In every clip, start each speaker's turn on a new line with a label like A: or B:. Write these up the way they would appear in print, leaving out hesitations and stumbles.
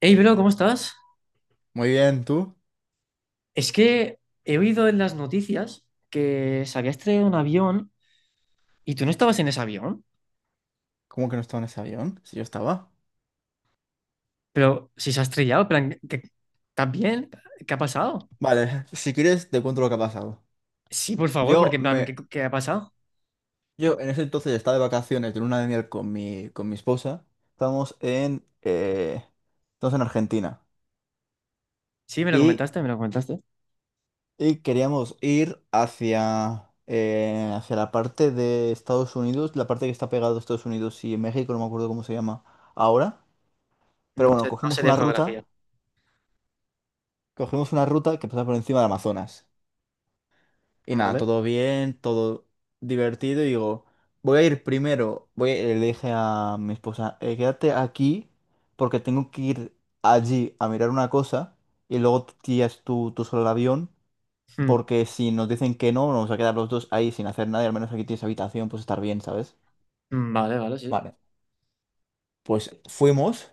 A: Hey, bro, ¿cómo estás?
B: Muy bien, ¿tú?
A: Es que he oído en las noticias que se había estrellado un avión y tú no estabas en ese avión.
B: ¿Cómo que no estaba en ese avión? Si yo estaba.
A: Pero si se ha estrellado, en plan, ¿estás bien? ¿Qué ha pasado?
B: Vale, si quieres te cuento lo que ha pasado.
A: Sí, por favor, porque
B: Yo
A: en plan,
B: me,
A: ¿qué ha pasado?
B: yo en ese entonces estaba de vacaciones de luna de miel con mi esposa. Estamos en estamos en Argentina
A: Sí, me lo
B: y,
A: comentaste, me lo comentaste.
B: queríamos ir hacia, hacia la parte de Estados Unidos, la parte que está pegada a Estados Unidos y México, no me acuerdo cómo se llama ahora.
A: No
B: Pero bueno,
A: sé, no sé de geografía.
B: cogimos una ruta que pasa por encima del Amazonas. Y nada,
A: Vale.
B: todo bien, todo divertido. Y digo, voy a ir primero. Le dije a mi esposa, quédate aquí porque tengo que ir allí a mirar una cosa y luego te tiras tú solo al avión
A: Mm,
B: porque si nos dicen que no, nos vamos a quedar los dos ahí sin hacer nada y al menos aquí tienes habitación, pues estar bien, ¿sabes?"
A: mm, vale, vale, sí.
B: Vale, pues fuimos.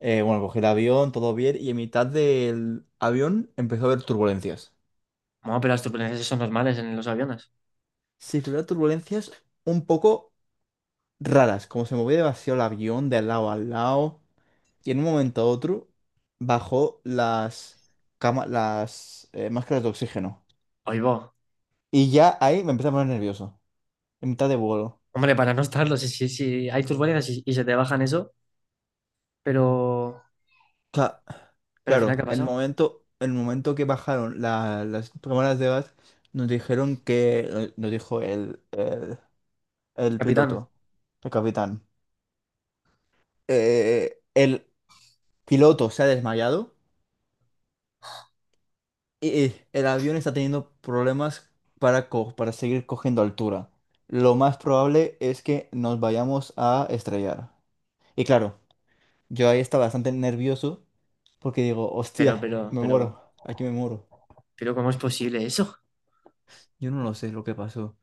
B: Bueno, cogí el avión, todo bien y en mitad del avión empezó a haber turbulencias.
A: Bueno, pero las turbulencias son normales en los aviones.
B: Sí, tuviera turbulencias un poco raras, como se movía demasiado el avión de lado a lado. Y en un momento a otro bajó las máscaras de oxígeno.
A: Ahí va.
B: Y ya ahí me empecé a poner nervioso, en mitad de vuelo.
A: Hombre, para no estarlo, si hay turbulencias y se te bajan eso, pero,
B: Cla-
A: pero al final, ¿qué
B: claro,
A: ha pasado?
B: el momento que bajaron las cámaras de gas, nos dijeron que, no, nos dijo el
A: Capitán,
B: piloto, el capitán. El piloto se ha desmayado, el avión está teniendo problemas para seguir cogiendo altura. Lo más probable es que nos vayamos a estrellar. Y claro, yo ahí estaba bastante nervioso porque digo,
A: pero,
B: hostia,
A: pero,
B: me
A: pero...
B: muero, aquí me muero.
A: Pero ¿cómo es posible eso?
B: Yo no lo sé lo que pasó.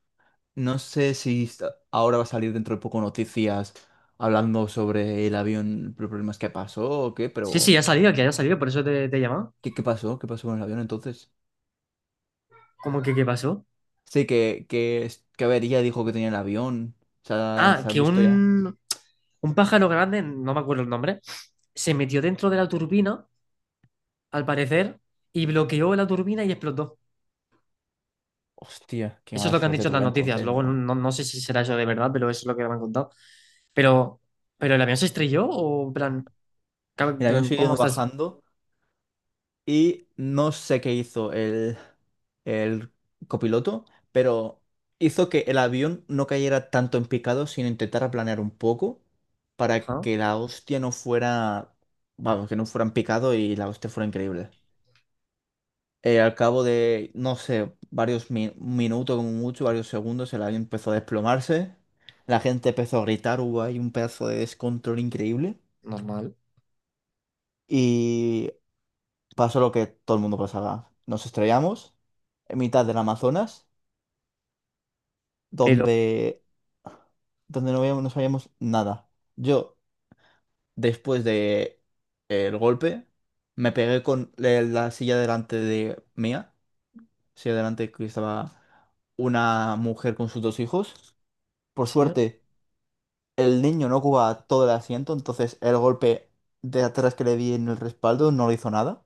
B: No sé si esta- Ahora va a salir dentro de poco noticias hablando sobre el avión, los problemas que pasó o qué,
A: Sí,
B: pero
A: sí, ha salido, que haya salido, por eso te he llamado.
B: ¿qué pasó? ¿Qué pasó con el avión entonces?
A: ¿Cómo que qué pasó?
B: Sí, que avería dijo que tenía el avión.
A: Ah,
B: ¿Se ha
A: que
B: visto ya?
A: un pájaro grande, no me acuerdo el nombre, se metió dentro de la turbina, al parecer, y bloqueó la turbina y explotó.
B: Hostia, qué
A: Eso es
B: mala
A: lo que han
B: suerte
A: dicho en las
B: tuve
A: noticias.
B: entonces,
A: Luego no,
B: ¿no?
A: no no sé si será eso de verdad, pero eso es lo que me han contado. Pero, ¿pero el avión se estrelló o en plan, en
B: El avión
A: plan, ¿cómo
B: siguió
A: estás?
B: bajando y no sé qué hizo el copiloto, pero hizo que el avión no cayera tanto en picado, sino intentar planear un poco para
A: Ajá,
B: que la hostia no fuera, vamos, que no fuera en picado y la hostia fuera increíble. Al cabo de, no sé, varios minutos como mucho, varios segundos, el avión empezó a desplomarse, la gente empezó a gritar, hubo ahí un pedazo de descontrol increíble.
A: normal.
B: Y pasó lo que todo el mundo pasaba. Nos estrellamos en mitad del Amazonas,
A: Pero,
B: donde, donde no veíamos, no sabíamos nada. Yo, después de el golpe, me pegué con la silla delante de mía, silla delante que estaba una mujer con sus dos hijos. Por
A: sí.
B: suerte, el niño no ocupaba todo el asiento, entonces el golpe de atrás que le di en el respaldo no le hizo nada.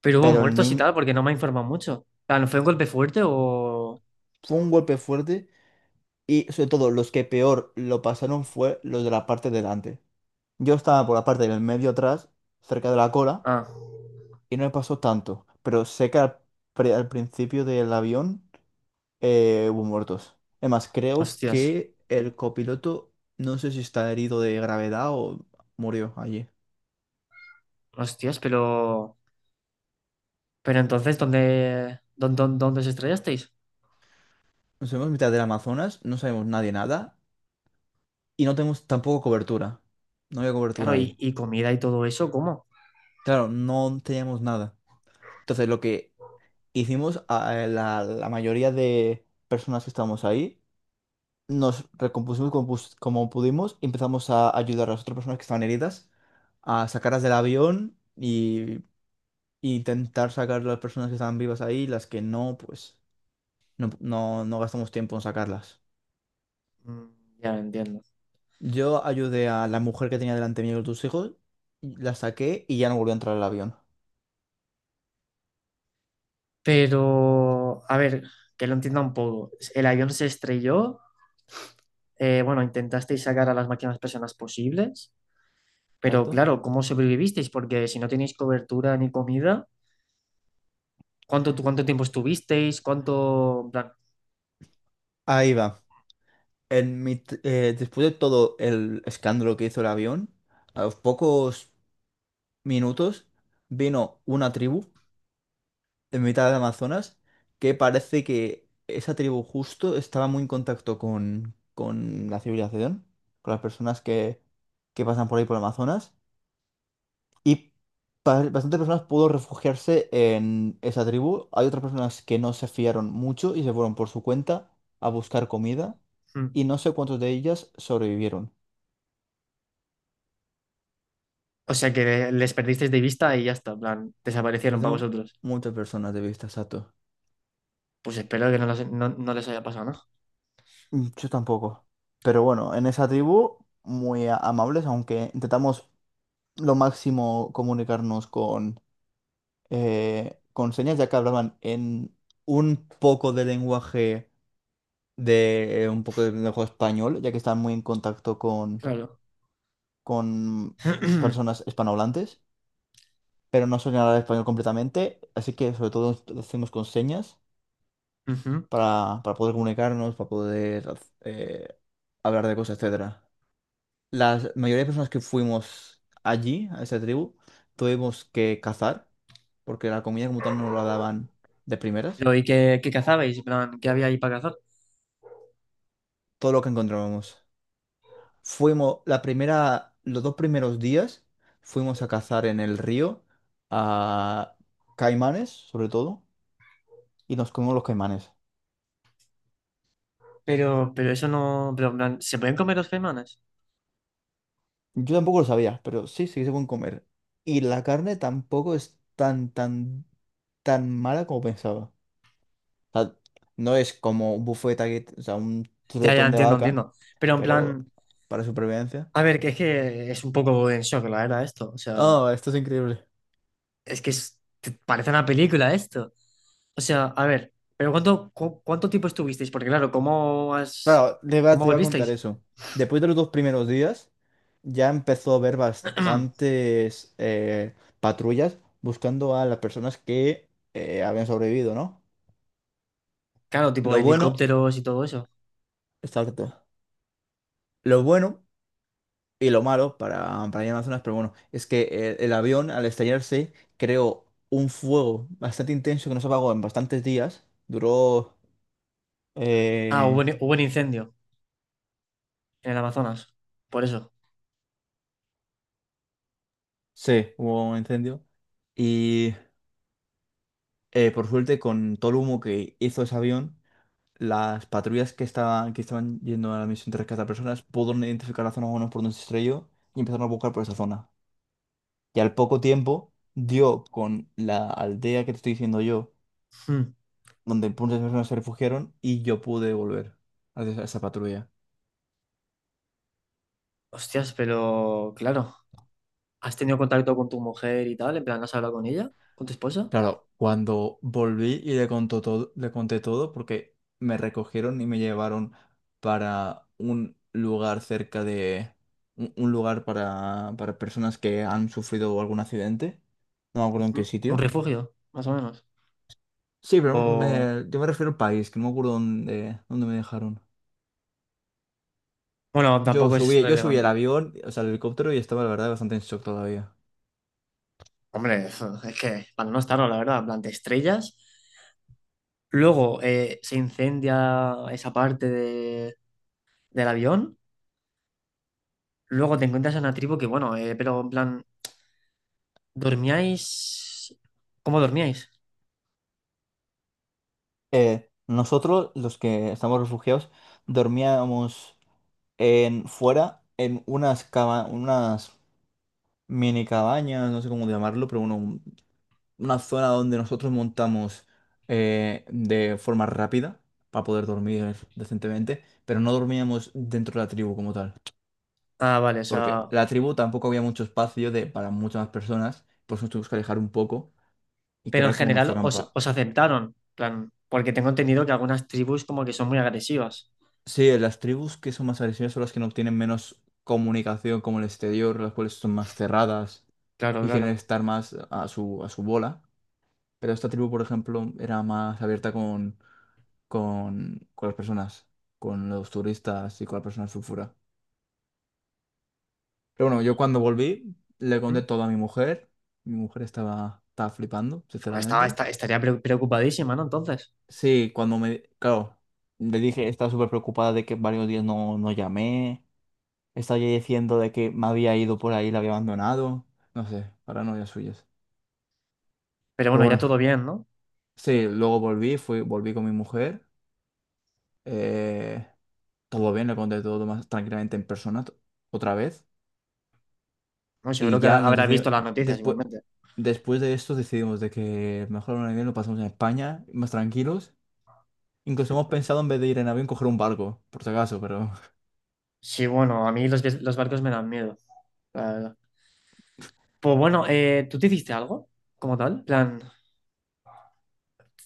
A: Pero hubo
B: Pero el
A: muertos y
B: niño
A: tal, porque no me ha informado mucho. En plan, ¿fue un golpe fuerte o...?
B: fue un golpe fuerte. Y sobre todo, los que peor lo pasaron fue los de la parte delante. Yo estaba por la parte del medio atrás, cerca de la cola,
A: Ah.
B: y no me pasó tanto. Pero sé que al principio del avión hubo muertos. Además, creo
A: Hostias,
B: que el copiloto, no sé si está herido de gravedad o murió allí.
A: hostias, pero entonces, ¿dónde os estrellasteis?
B: Nos vemos en mitad del Amazonas, no sabemos nadie nada, y no tenemos tampoco cobertura. No había
A: Claro,
B: cobertura ahí.
A: y comida y todo eso, ¿cómo?
B: Claro, no teníamos nada. Entonces, lo que hicimos a la mayoría de personas que estábamos ahí, nos recompusimos como pudimos y empezamos a ayudar a las otras personas que estaban heridas, a sacarlas del avión y, intentar sacar a las personas que estaban vivas ahí, las que no, pues no gastamos tiempo en sacarlas.
A: Mm, ya lo entiendo.
B: Yo ayudé a la mujer que tenía delante mío con tus hijos, y la saqué y ya no volvió a entrar al avión.
A: Pero, a ver, que lo entienda un poco. El avión se estrelló, bueno, intentasteis sacar a las máximas personas posibles, pero
B: ¿Cierto?
A: claro, ¿cómo sobrevivisteis? Porque si no tenéis cobertura ni comida, ¿cuánto tiempo estuvisteis? ¿Cuánto, en plan,
B: Ahí va. Después de todo el escándalo que hizo el avión, a los pocos minutos vino una tribu en mitad del Amazonas que parece que esa tribu justo estaba muy en contacto con la civilización, con las personas que pasan por ahí por el Amazonas. Y bastantes personas pudo refugiarse en esa tribu. Hay otras personas que no se fiaron mucho y se fueron por su cuenta a buscar comida.
A: mm.
B: Y no sé cuántos de ellas sobrevivieron.
A: O sea que les perdisteis de vista y ya está, en plan, desaparecieron para
B: Perdimos
A: vosotros.
B: muchas personas de vista, Sato.
A: Pues espero que no, no les haya pasado nada.
B: Mm, yo tampoco. Pero bueno, en esa tribu, muy amables, aunque intentamos lo máximo comunicarnos con señas, ya que hablaban en un poco de lenguaje de un poco de lenguaje español, ya que están muy en contacto
A: Claro.
B: con personas hispanohablantes, pero no suelen hablar español completamente, así que sobre todo lo hacemos con señas
A: Ujú.
B: para, poder comunicarnos, para poder hablar de cosas, etcétera. La mayoría de personas que fuimos allí, a esa tribu, tuvimos que cazar, porque la comida como tal no nos la daban de primeras.
A: Pero, ¿y qué cazabais? En plan, ¿qué había ahí para cazar?
B: Todo lo que encontrábamos. Los dos primeros días, fuimos a cazar en el río a caimanes, sobre todo, y nos comimos los caimanes.
A: Pero eso no. Pero, en plan, ¿se pueden comer los caimanes?
B: Yo tampoco lo sabía, pero sí, sí que se pueden comer. Y la carne tampoco es tan mala como pensaba. O sea, no es como un buffet aquí, o sea, un
A: Ya, ya,
B: chuletón de
A: entiendo,
B: vaca,
A: entiendo. Pero, en
B: pero
A: plan,
B: para supervivencia.
A: a ver, que es un poco en shock, la verdad, esto. O sea,
B: Oh, esto es increíble.
A: es que parece una película esto. O sea, a ver, pero ¿cuánto tiempo estuvisteis? Porque, claro,
B: Claro,
A: ¿cómo
B: te iba a contar
A: volvisteis?
B: eso. Después de los dos primeros días, ya empezó a haber bastantes patrullas buscando a las personas que habían sobrevivido, ¿no?
A: Claro, tipo
B: Lo bueno,
A: helicópteros y todo eso.
B: exacto. Lo bueno y lo malo para, ir a Amazonas, pero bueno, es que avión al estrellarse creó un fuego bastante intenso que no se apagó en bastantes días.
A: Ah,
B: Eh,
A: hubo un incendio en el Amazonas. Por eso.
B: sí, hubo un incendio. Y por suerte, con todo el humo que hizo ese avión, las patrullas que estaban yendo a la misión de rescate a personas pudieron identificar la zona menos por donde se estrelló y empezaron a buscar por esa zona. Y al poco tiempo dio con la aldea que te estoy diciendo yo
A: Mm.
B: donde muchas personas se refugiaron y yo pude volver a esa patrulla.
A: Hostias, pero claro, ¿has tenido contacto con tu mujer y tal? En plan, ¿has hablado con ella? ¿Con tu esposa?
B: Claro, cuando volví y le contó todo, le conté todo porque me recogieron y me llevaron para un lugar cerca de un lugar para, personas que han sufrido algún accidente. No me acuerdo en qué
A: Ujú. ¿Un
B: sitio.
A: refugio, más o menos?
B: Sí, pero
A: O...
B: yo me refiero al país, que no me acuerdo dónde me dejaron.
A: Bueno, tampoco es
B: Yo subí al
A: relevante.
B: avión, o sea, al helicóptero y estaba la verdad bastante en shock todavía.
A: Hombre, es que para no estarlo, la verdad, en plan, te estrellas. Luego se incendia esa parte del avión. Luego te encuentras a una tribu que, bueno, pero en plan, ¿dormíais? ¿Cómo dormíais?
B: Nosotros, los que estamos refugiados, dormíamos en, fuera en unas mini cabañas, no sé cómo llamarlo, pero bueno, una zona donde nosotros montamos de forma rápida para poder dormir decentemente, pero no dormíamos dentro de la tribu como tal,
A: Ah, vale, o
B: porque
A: sea,
B: la tribu tampoco había mucho espacio para muchas más personas, por eso nos tuvimos que alejar un poco y
A: pero en
B: crear como
A: general
B: nuestro.
A: os aceptaron, plan, porque tengo entendido que algunas tribus como que son muy agresivas.
B: Sí, las tribus que son más agresivas son las que no tienen menos comunicación como el exterior, las cuales son más cerradas
A: Claro,
B: y quieren
A: claro.
B: estar más a a su bola. Pero esta tribu, por ejemplo, era más abierta con las personas, con los turistas y con las personas sulfura. Pero bueno, yo cuando volví le
A: Mm.
B: conté todo a mi mujer. Mi mujer estaba flipando,
A: Bueno,
B: sinceramente.
A: estaría preocupadísima, ¿no? Entonces.
B: Sí, cuando me... Claro, le dije, estaba súper preocupada de que varios días no llamé. Estaba ya diciendo de que me había ido por ahí, la había abandonado. No sé, paranoias suyas.
A: Pero
B: Pero
A: bueno, ya
B: bueno,
A: todo bien, ¿no?
B: sí, luego volví con mi mujer. eh, Todo bien, le conté todo más tranquilamente otra vez.
A: Bueno,
B: Y
A: seguro que ahora
B: ya nos
A: habrá
B: decidimos,
A: visto las noticias
B: después,
A: igualmente.
B: después de esto decidimos de que mejor un avión lo pasamos en España, más tranquilos. Incluso hemos pensado en vez de ir en avión coger un barco, por si acaso, pero
A: Sí, bueno, a mí los barcos me dan miedo, la verdad. Pues bueno, ¿tú te hiciste algo como tal? En plan,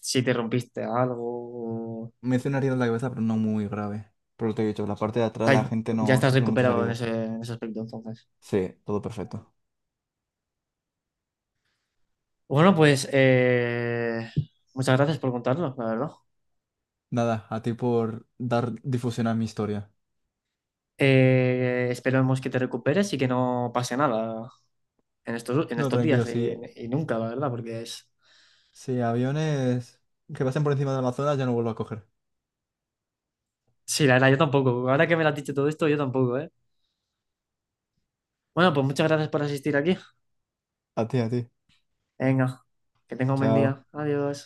A: si te rompiste algo. o-
B: me hice una herida en la cabeza, pero no muy grave. Por lo que te he dicho, la parte de atrás
A: Ay,
B: la gente
A: ya
B: no
A: estás
B: sufre muchas
A: recuperado
B: heridas.
A: en ese aspecto, entonces.
B: Sí, todo perfecto.
A: Bueno, pues muchas gracias por contarlo, la verdad.
B: Nada, a ti por dar difusión a mi historia.
A: Esperemos que te recuperes y que no pase nada en estos, en
B: No,
A: estos
B: tranquilo,
A: días y,
B: si,
A: y nunca, la verdad, porque es...
B: si aviones que pasen por encima del Amazonas ya no vuelvo a coger.
A: Sí, la verdad, yo tampoco. Ahora que me lo has dicho todo esto, yo tampoco, ¿eh? Bueno, pues muchas gracias por asistir aquí.
B: A ti, a ti.
A: Venga, que tenga un buen día.
B: Chao.
A: Adiós.